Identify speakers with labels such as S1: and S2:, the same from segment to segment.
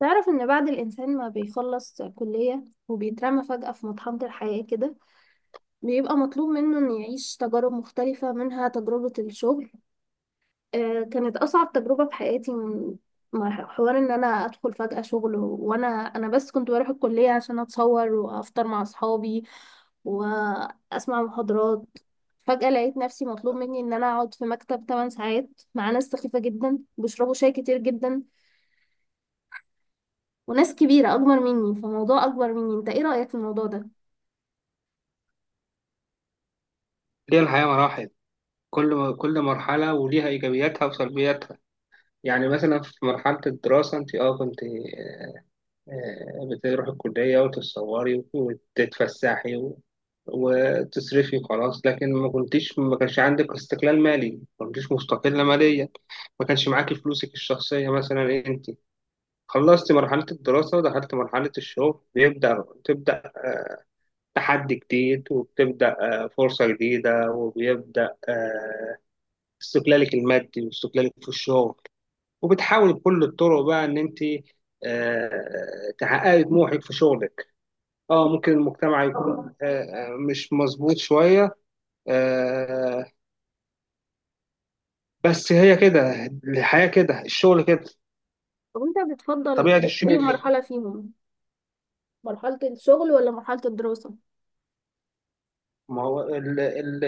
S1: تعرف إن بعد الإنسان ما بيخلص كلية وبيترمى فجأة في مطحنة الحياة كده، بيبقى مطلوب منه إنه يعيش تجارب مختلفة منها تجربة الشغل. آه، كانت أصعب تجربة في حياتي. من مع حوار إن أنا أدخل فجأة شغل، وأنا بس كنت بروح الكلية عشان أتصور وأفطر مع أصحابي وأسمع محاضرات. فجأة لقيت نفسي مطلوب مني إن أنا أقعد في مكتب 8 ساعات مع ناس سخيفة جدا بيشربوا شاي كتير جدا، وناس كبيرة أكبر مني، فموضوع أكبر مني. أنت إيه رأيك في الموضوع ده؟
S2: هي الحياة مراحل. كل مرحلة وليها إيجابياتها وسلبياتها. يعني مثلا في مرحلة الدراسة أنت أه كنت آه، آه، بتروحي الكلية وتتصوري وتتفسحي وتصرفي وخلاص، لكن ما كنتيش ما كانش عندك استقلال مالي، ما كنتيش مستقلة ماليا، ما كانش معاكي فلوسك الشخصية. مثلا أنت خلصت مرحلة الدراسة ودخلت مرحلة الشغل، تبدأ تحدي جديد وبتبدأ فرصة جديدة، وبيبدأ استقلالك المادي واستقلالك في الشغل، وبتحاولي بكل الطرق بقى ان انت تحققي طموحك في شغلك. اه ممكن المجتمع يكون مش مظبوط شوية، آه، بس هي كده الحياة، كده الشغل، كده
S1: طب أنت بتفضل
S2: طبيعة
S1: أي
S2: الشغل كده.
S1: مرحلة فيهم؟ مرحلة الشغل ولا مرحلة الدراسة؟
S2: ما هو ال ال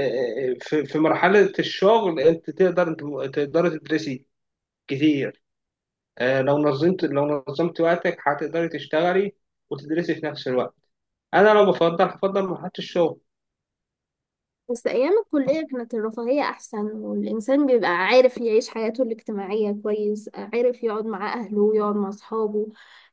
S2: في في مرحلة الشغل انت انت تقدري تدرسي كتير. لو نظمت لو نظمت وقتك هتقدري تشتغلي وتدرسي في نفس الوقت. انا لو بفضل هفضل مرحلة الشغل.
S1: بس أيام الكلية كانت الرفاهية أحسن، والإنسان بيبقى عارف يعيش حياته الاجتماعية كويس، عارف يقعد مع أهله ويقعد مع أصحابه،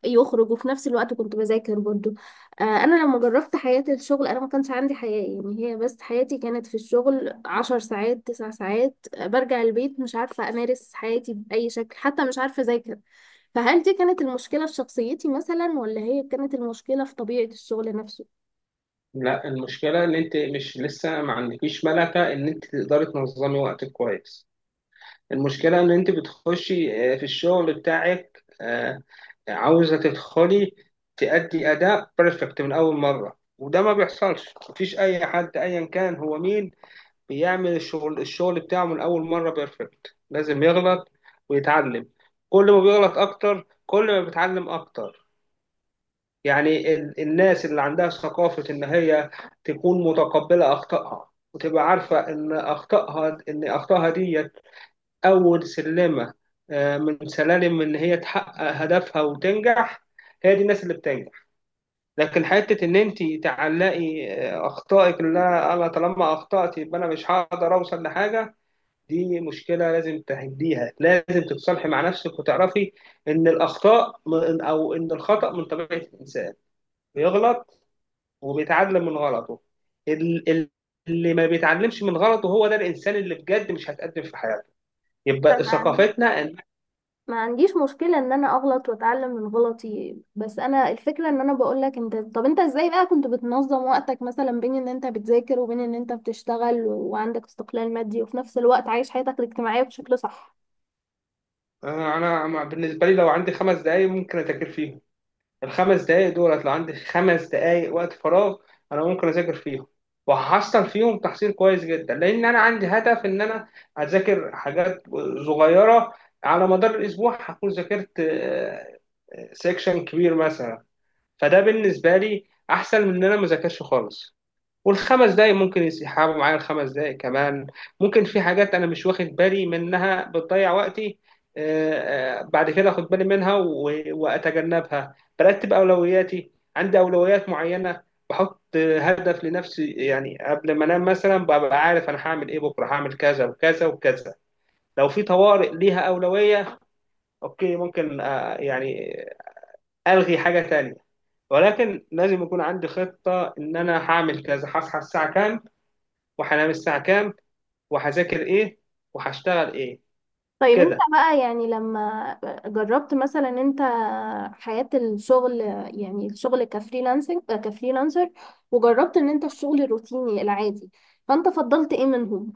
S1: يخرج، وفي نفس الوقت كنت بذاكر برضه. أنا لما جربت حياة الشغل أنا ما كانش عندي حياة، يعني هي بس حياتي كانت في الشغل 10 ساعات 9 ساعات. برجع البيت مش عارفة أمارس حياتي بأي شكل، حتى مش عارفة أذاكر. فهل دي كانت المشكلة في شخصيتي مثلا، ولا هي كانت المشكلة في طبيعة الشغل نفسه؟
S2: لا، المشكلة إن أنت مش لسه ما عندكيش ملكة إن أنت تقدري تنظمي وقتك كويس. المشكلة إن أنت بتخشي في الشغل بتاعك عاوزة تدخلي تأدي أداء بيرفكت من أول مرة، وده ما بيحصلش. مفيش أي حد أيا كان هو مين بيعمل الشغل بتاعه من أول مرة بيرفكت. لازم يغلط ويتعلم. كل ما بيغلط أكتر كل ما بيتعلم أكتر. يعني الناس اللي عندها ثقافة إن هي تكون متقبلة أخطائها وتبقى عارفة إن أخطائها إن أخطائها ديت أول سلمة من سلالم إن هي تحقق هدفها وتنجح، هي دي الناس اللي بتنجح. لكن حتة إن أنت تعلقي أخطائك، لا أنا طالما أخطأت يبقى أنا مش هقدر أوصل لحاجة، دي مشكلة لازم تهديها، لازم تتصالحي مع نفسك وتعرفي إن الأخطاء أو إن الخطأ من طبيعة الإنسان، بيغلط وبيتعلم من غلطه. ال- ال- اللي ما بيتعلمش من غلطه هو ده الانسان اللي بجد مش هتقدم في حياته. يبقى
S1: فما عندي،
S2: ثقافتنا ان
S1: ما عنديش مشكلة ان انا اغلط واتعلم من غلطي، بس انا الفكرة ان انا بقولك انت، طب انت ازاي بقى كنت بتنظم وقتك مثلا بين ان انت بتذاكر وبين ان انت بتشتغل وعندك استقلال مادي وفي نفس الوقت عايش حياتك الاجتماعية بشكل صح؟
S2: انا. بالنسبه لي لو عندي 5 دقائق ممكن اذاكر فيهم. ال5 دقائق دولت لو عندي 5 دقائق وقت فراغ انا ممكن اذاكر فيهم، وهحصل فيهم تحصيل كويس جدا، لان انا عندي هدف ان انا اذاكر حاجات صغيره. على مدار الاسبوع هكون ذاكرت سيكشن كبير مثلا. فده بالنسبه لي احسن من ان انا ما اذاكرش خالص. والخمس دقايق ممكن يسحبوا معايا ال5 دقايق كمان. ممكن في حاجات انا مش واخد بالي منها بتضيع وقتي، بعد كده اخد بالي منها واتجنبها. برتب اولوياتي، عندي اولويات معينه. بحط هدف لنفسي، يعني قبل ما انام مثلا ببقى عارف انا هعمل ايه بكره، هعمل كذا وكذا وكذا. لو في طوارئ ليها اولويه اوكي، ممكن يعني الغي حاجه تانية، ولكن لازم يكون عندي خطه ان انا هعمل كذا، هصحى الساعه كام وهنام الساعة كام وهذاكر إيه وهشتغل إيه.
S1: طيب انت
S2: كده.
S1: بقى يعني لما جربت مثلا انت حياة الشغل، يعني الشغل كفريلانسنج، كفريلانسر، وجربت ان انت الشغل الروتيني العادي، فانت فضلت ايه منهم؟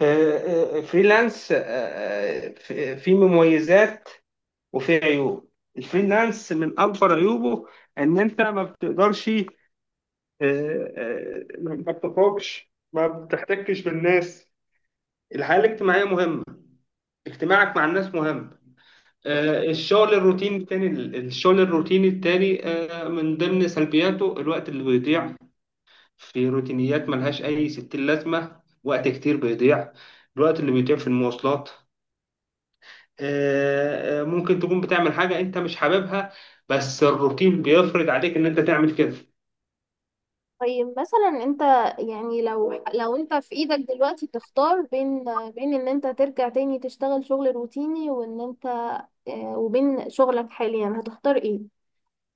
S2: فريلانس، في في مميزات وفي عيوب. الفريلانس من أكبر عيوبه إن أنت ما بتقدرش ما بتخرجش، ما بتحتكش بالناس. الحياة الاجتماعية مهمة، اجتماعك مع الناس مهم. الشغل الروتيني التاني، الشغل الروتيني التاني من ضمن سلبياته الوقت اللي بيضيع في روتينيات ملهاش أي ستين لازمة. وقت كتير بيضيع، الوقت اللي بيضيع في المواصلات. ممكن تكون بتعمل حاجة أنت مش حاببها، بس الروتين بيفرض عليك إن أنت تعمل كده.
S1: طيب مثلا انت، يعني لو لو انت في ايدك دلوقتي تختار بين، بين ان انت ترجع تاني تشتغل شغل روتيني وان انت، اه، وبين شغلك حاليا، هتختار ايه؟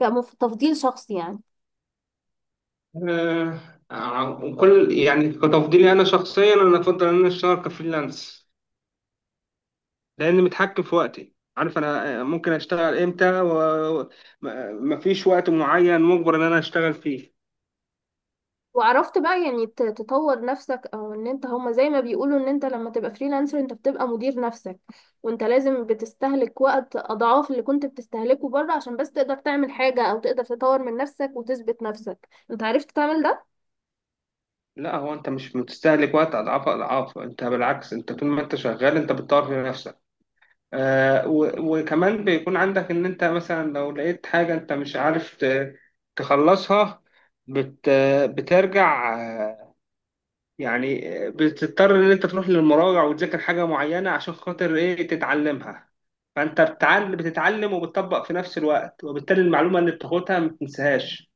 S1: كتفضيل شخصي يعني.
S2: آه، آه، كل يعني كتفضيلي أنا شخصيا أنا أفضل إن أنا أشتغل كفريلانس، لأن متحكم في وقتي، عارف أنا ممكن أشتغل إمتى، ومفيش وقت معين مجبر إن أنا أشتغل فيه.
S1: وعرفت بقى يعني تطور نفسك، او ان انت هما زي ما بيقولوا ان انت لما تبقى فريلانسر انت بتبقى مدير نفسك، وانت لازم بتستهلك وقت اضعاف اللي كنت بتستهلكه بره عشان بس تقدر تعمل حاجة او تقدر تطور من نفسك وتثبت نفسك، انت عرفت تعمل ده؟
S2: لا هو انت مش بتستهلك وقت اضعاف انت بالعكس انت طول ما انت شغال انت بتطور في نفسك. آه وكمان بيكون عندك ان انت مثلا لو لقيت حاجة انت مش عارف تخلصها، بت بترجع بتضطر ان انت تروح للمراجع وتذاكر حاجة معينة عشان خاطر ايه تتعلمها. فانت بتتعلم بتتعلم وبتطبق في نفس الوقت، وبالتالي المعلومة اللي بتاخدها ما بتنساهاش.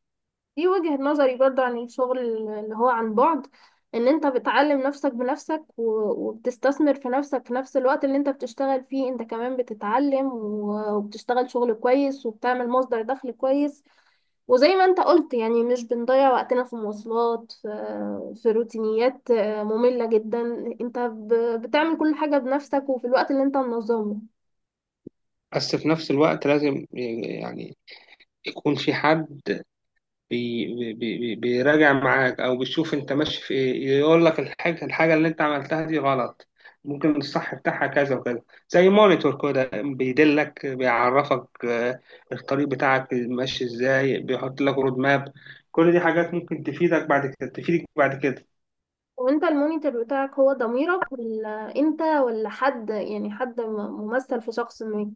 S1: دي وجهة نظري برضو عن الشغل اللي هو عن بعد، ان انت بتعلم نفسك بنفسك وبتستثمر في نفسك، في نفس الوقت اللي انت بتشتغل فيه انت كمان بتتعلم وبتشتغل شغل كويس وبتعمل مصدر دخل كويس. وزي ما انت قلت، يعني مش بنضيع وقتنا في مواصلات، في روتينيات مملة جدا. انت بتعمل كل حاجة بنفسك وفي الوقت اللي انت منظمه.
S2: بس في نفس الوقت لازم يعني يكون في حد بي بي بي بيراجع معاك او بيشوف انت ماشي في ايه، يقول لك الحاجه الحاجه اللي انت عملتها دي غلط، ممكن الصح بتاعها كذا وكذا. زي مونيتور كده بيدلك، بيعرفك الطريق بتاعك ماشي ازاي، بيحط لك رود ماب. كل دي حاجات ممكن تفيدك بعد كده تفيدك بعد كده.
S1: وانت المونيتور بتاعك هو ضميرك، ولا انت، ولا حد يعني، حد ممثل في شخص ما؟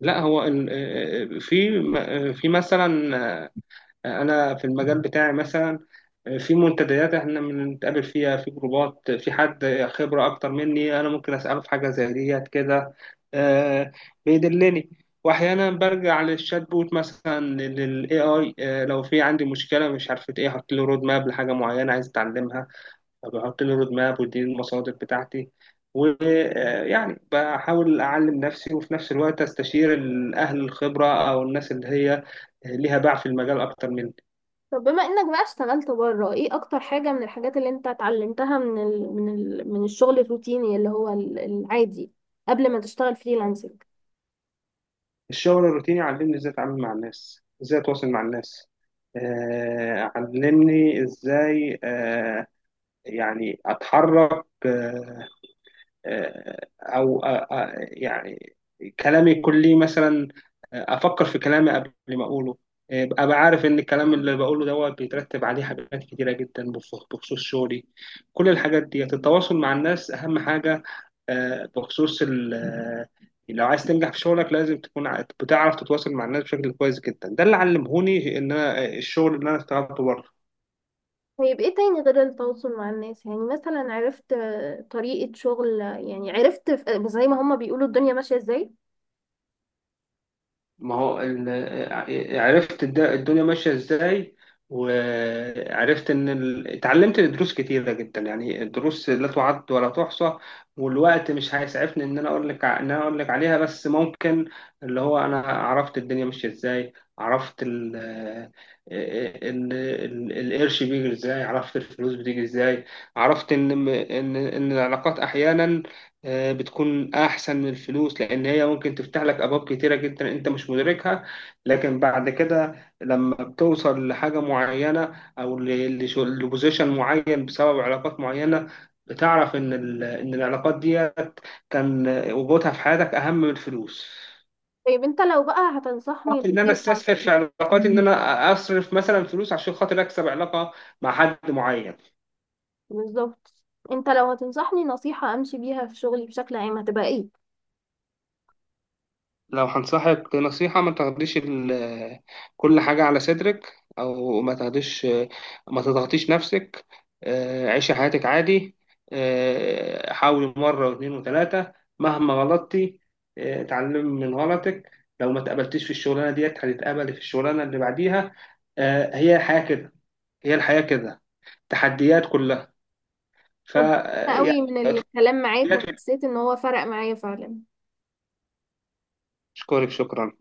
S2: لا هو في في مثلا انا في المجال بتاعي مثلا في منتديات احنا بنتقابل فيها، في جروبات، في حد خبرة اكتر مني انا ممكن اساله في حاجة زي ديت كده. آه، بيدلني. واحيانا برجع للشات بوت مثلا، للاي اي، لو في عندي مشكله مش عارفه ايه احط له رود ماب لحاجه معينه عايز اتعلمها، فبحط له رود ماب ودي المصادر بتاعتي. ويعني بحاول اعلم نفسي، وفي نفس الوقت استشير الاهل الخبره او الناس اللي هي ليها باع في المجال اكتر مني.
S1: طب بما انك بقى اشتغلت بره، ايه اكتر حاجة من الحاجات اللي انت اتعلمتها من من الشغل الروتيني اللي هو العادي، قبل ما تشتغل فريلانسنج؟
S2: الشغل الروتيني علمني ازاي اتعامل مع الناس، ازاي اتواصل مع الناس. علمني ازاي اتحرك، آه، او آه، يعني كلامي يكون ليه مثلا، افكر في كلامي قبل ما اقوله. ابقى عارف ان الكلام اللي بقوله دوت بيترتب عليه حاجات كتيره جدا بخصوص شغلي. كل الحاجات دي، التواصل مع الناس اهم حاجه. آه، بخصوص ال- آه، لو عايز تنجح في شغلك لازم تكون بتعرف تتواصل مع الناس بشكل كويس جدا. ده اللي علمهوني ان انا الشغل اللي انا اشتغلته بره.
S1: طيب ايه تاني غير التواصل مع الناس؟ يعني مثلا عرفت طريقة شغل، يعني عرفت زي ما هما بيقولوا الدنيا ماشية ازاي.
S2: ما هو ال- ع- عرفت الدنيا ماشية ازاي. وعرفت ان ال، اتعلمت دروس كتيرة جدا، يعني الدروس لا تعد ولا تحصى، والوقت مش هيسعفني ان انا اقول لك عليها، بس ممكن اللي هو انا عرفت الدنيا ماشية ازاي، عرفت القرش بيجي ازاي، عرفت الفلوس بتيجي ازاي، عرفت ان العلاقات احيانا بتكون أحسن من الفلوس، لأن هي ممكن تفتح لك أبواب كتيرة جدا أنت مش مدركها. لكن بعد كده لما بتوصل لحاجة معينة أو لبوزيشن معين بسبب علاقات معينة، بتعرف إن إن العلاقات ديت كان وجودها في حياتك أهم من الفلوس.
S1: طيب انت لو بقى هتنصحني
S2: فكرت إن أنا
S1: نصيحة،
S2: أستسهل في علاقاتي، إن أنا أصرف مثلا فلوس عشان خاطر أكسب علاقة مع حد معين.
S1: بالظبط، انت لو هتنصحني نصيحة امشي بيها في شغلي بشكل عام هتبقى ايه؟
S2: لو هنصحك نصيحة، ما تاخديش كل حاجة على صدرك، أو ما تاخديش، ما تضغطيش نفسك. عيشي حياتك عادي. حاولي مرة و2 و3، مهما غلطتي اتعلمي من غلطك. لو ما تقبلتيش في الشغلانة ديت هتتقبلي في الشغلانة اللي بعديها. هي الحياة كده، هي الحياة كده، تحديات كلها. ف آه،
S1: أنا قوي
S2: يعني
S1: من الكلام معاك
S2: تحديات.
S1: وحسيت ان هو فرق معايا فعلا.
S2: اشكرك شكرا.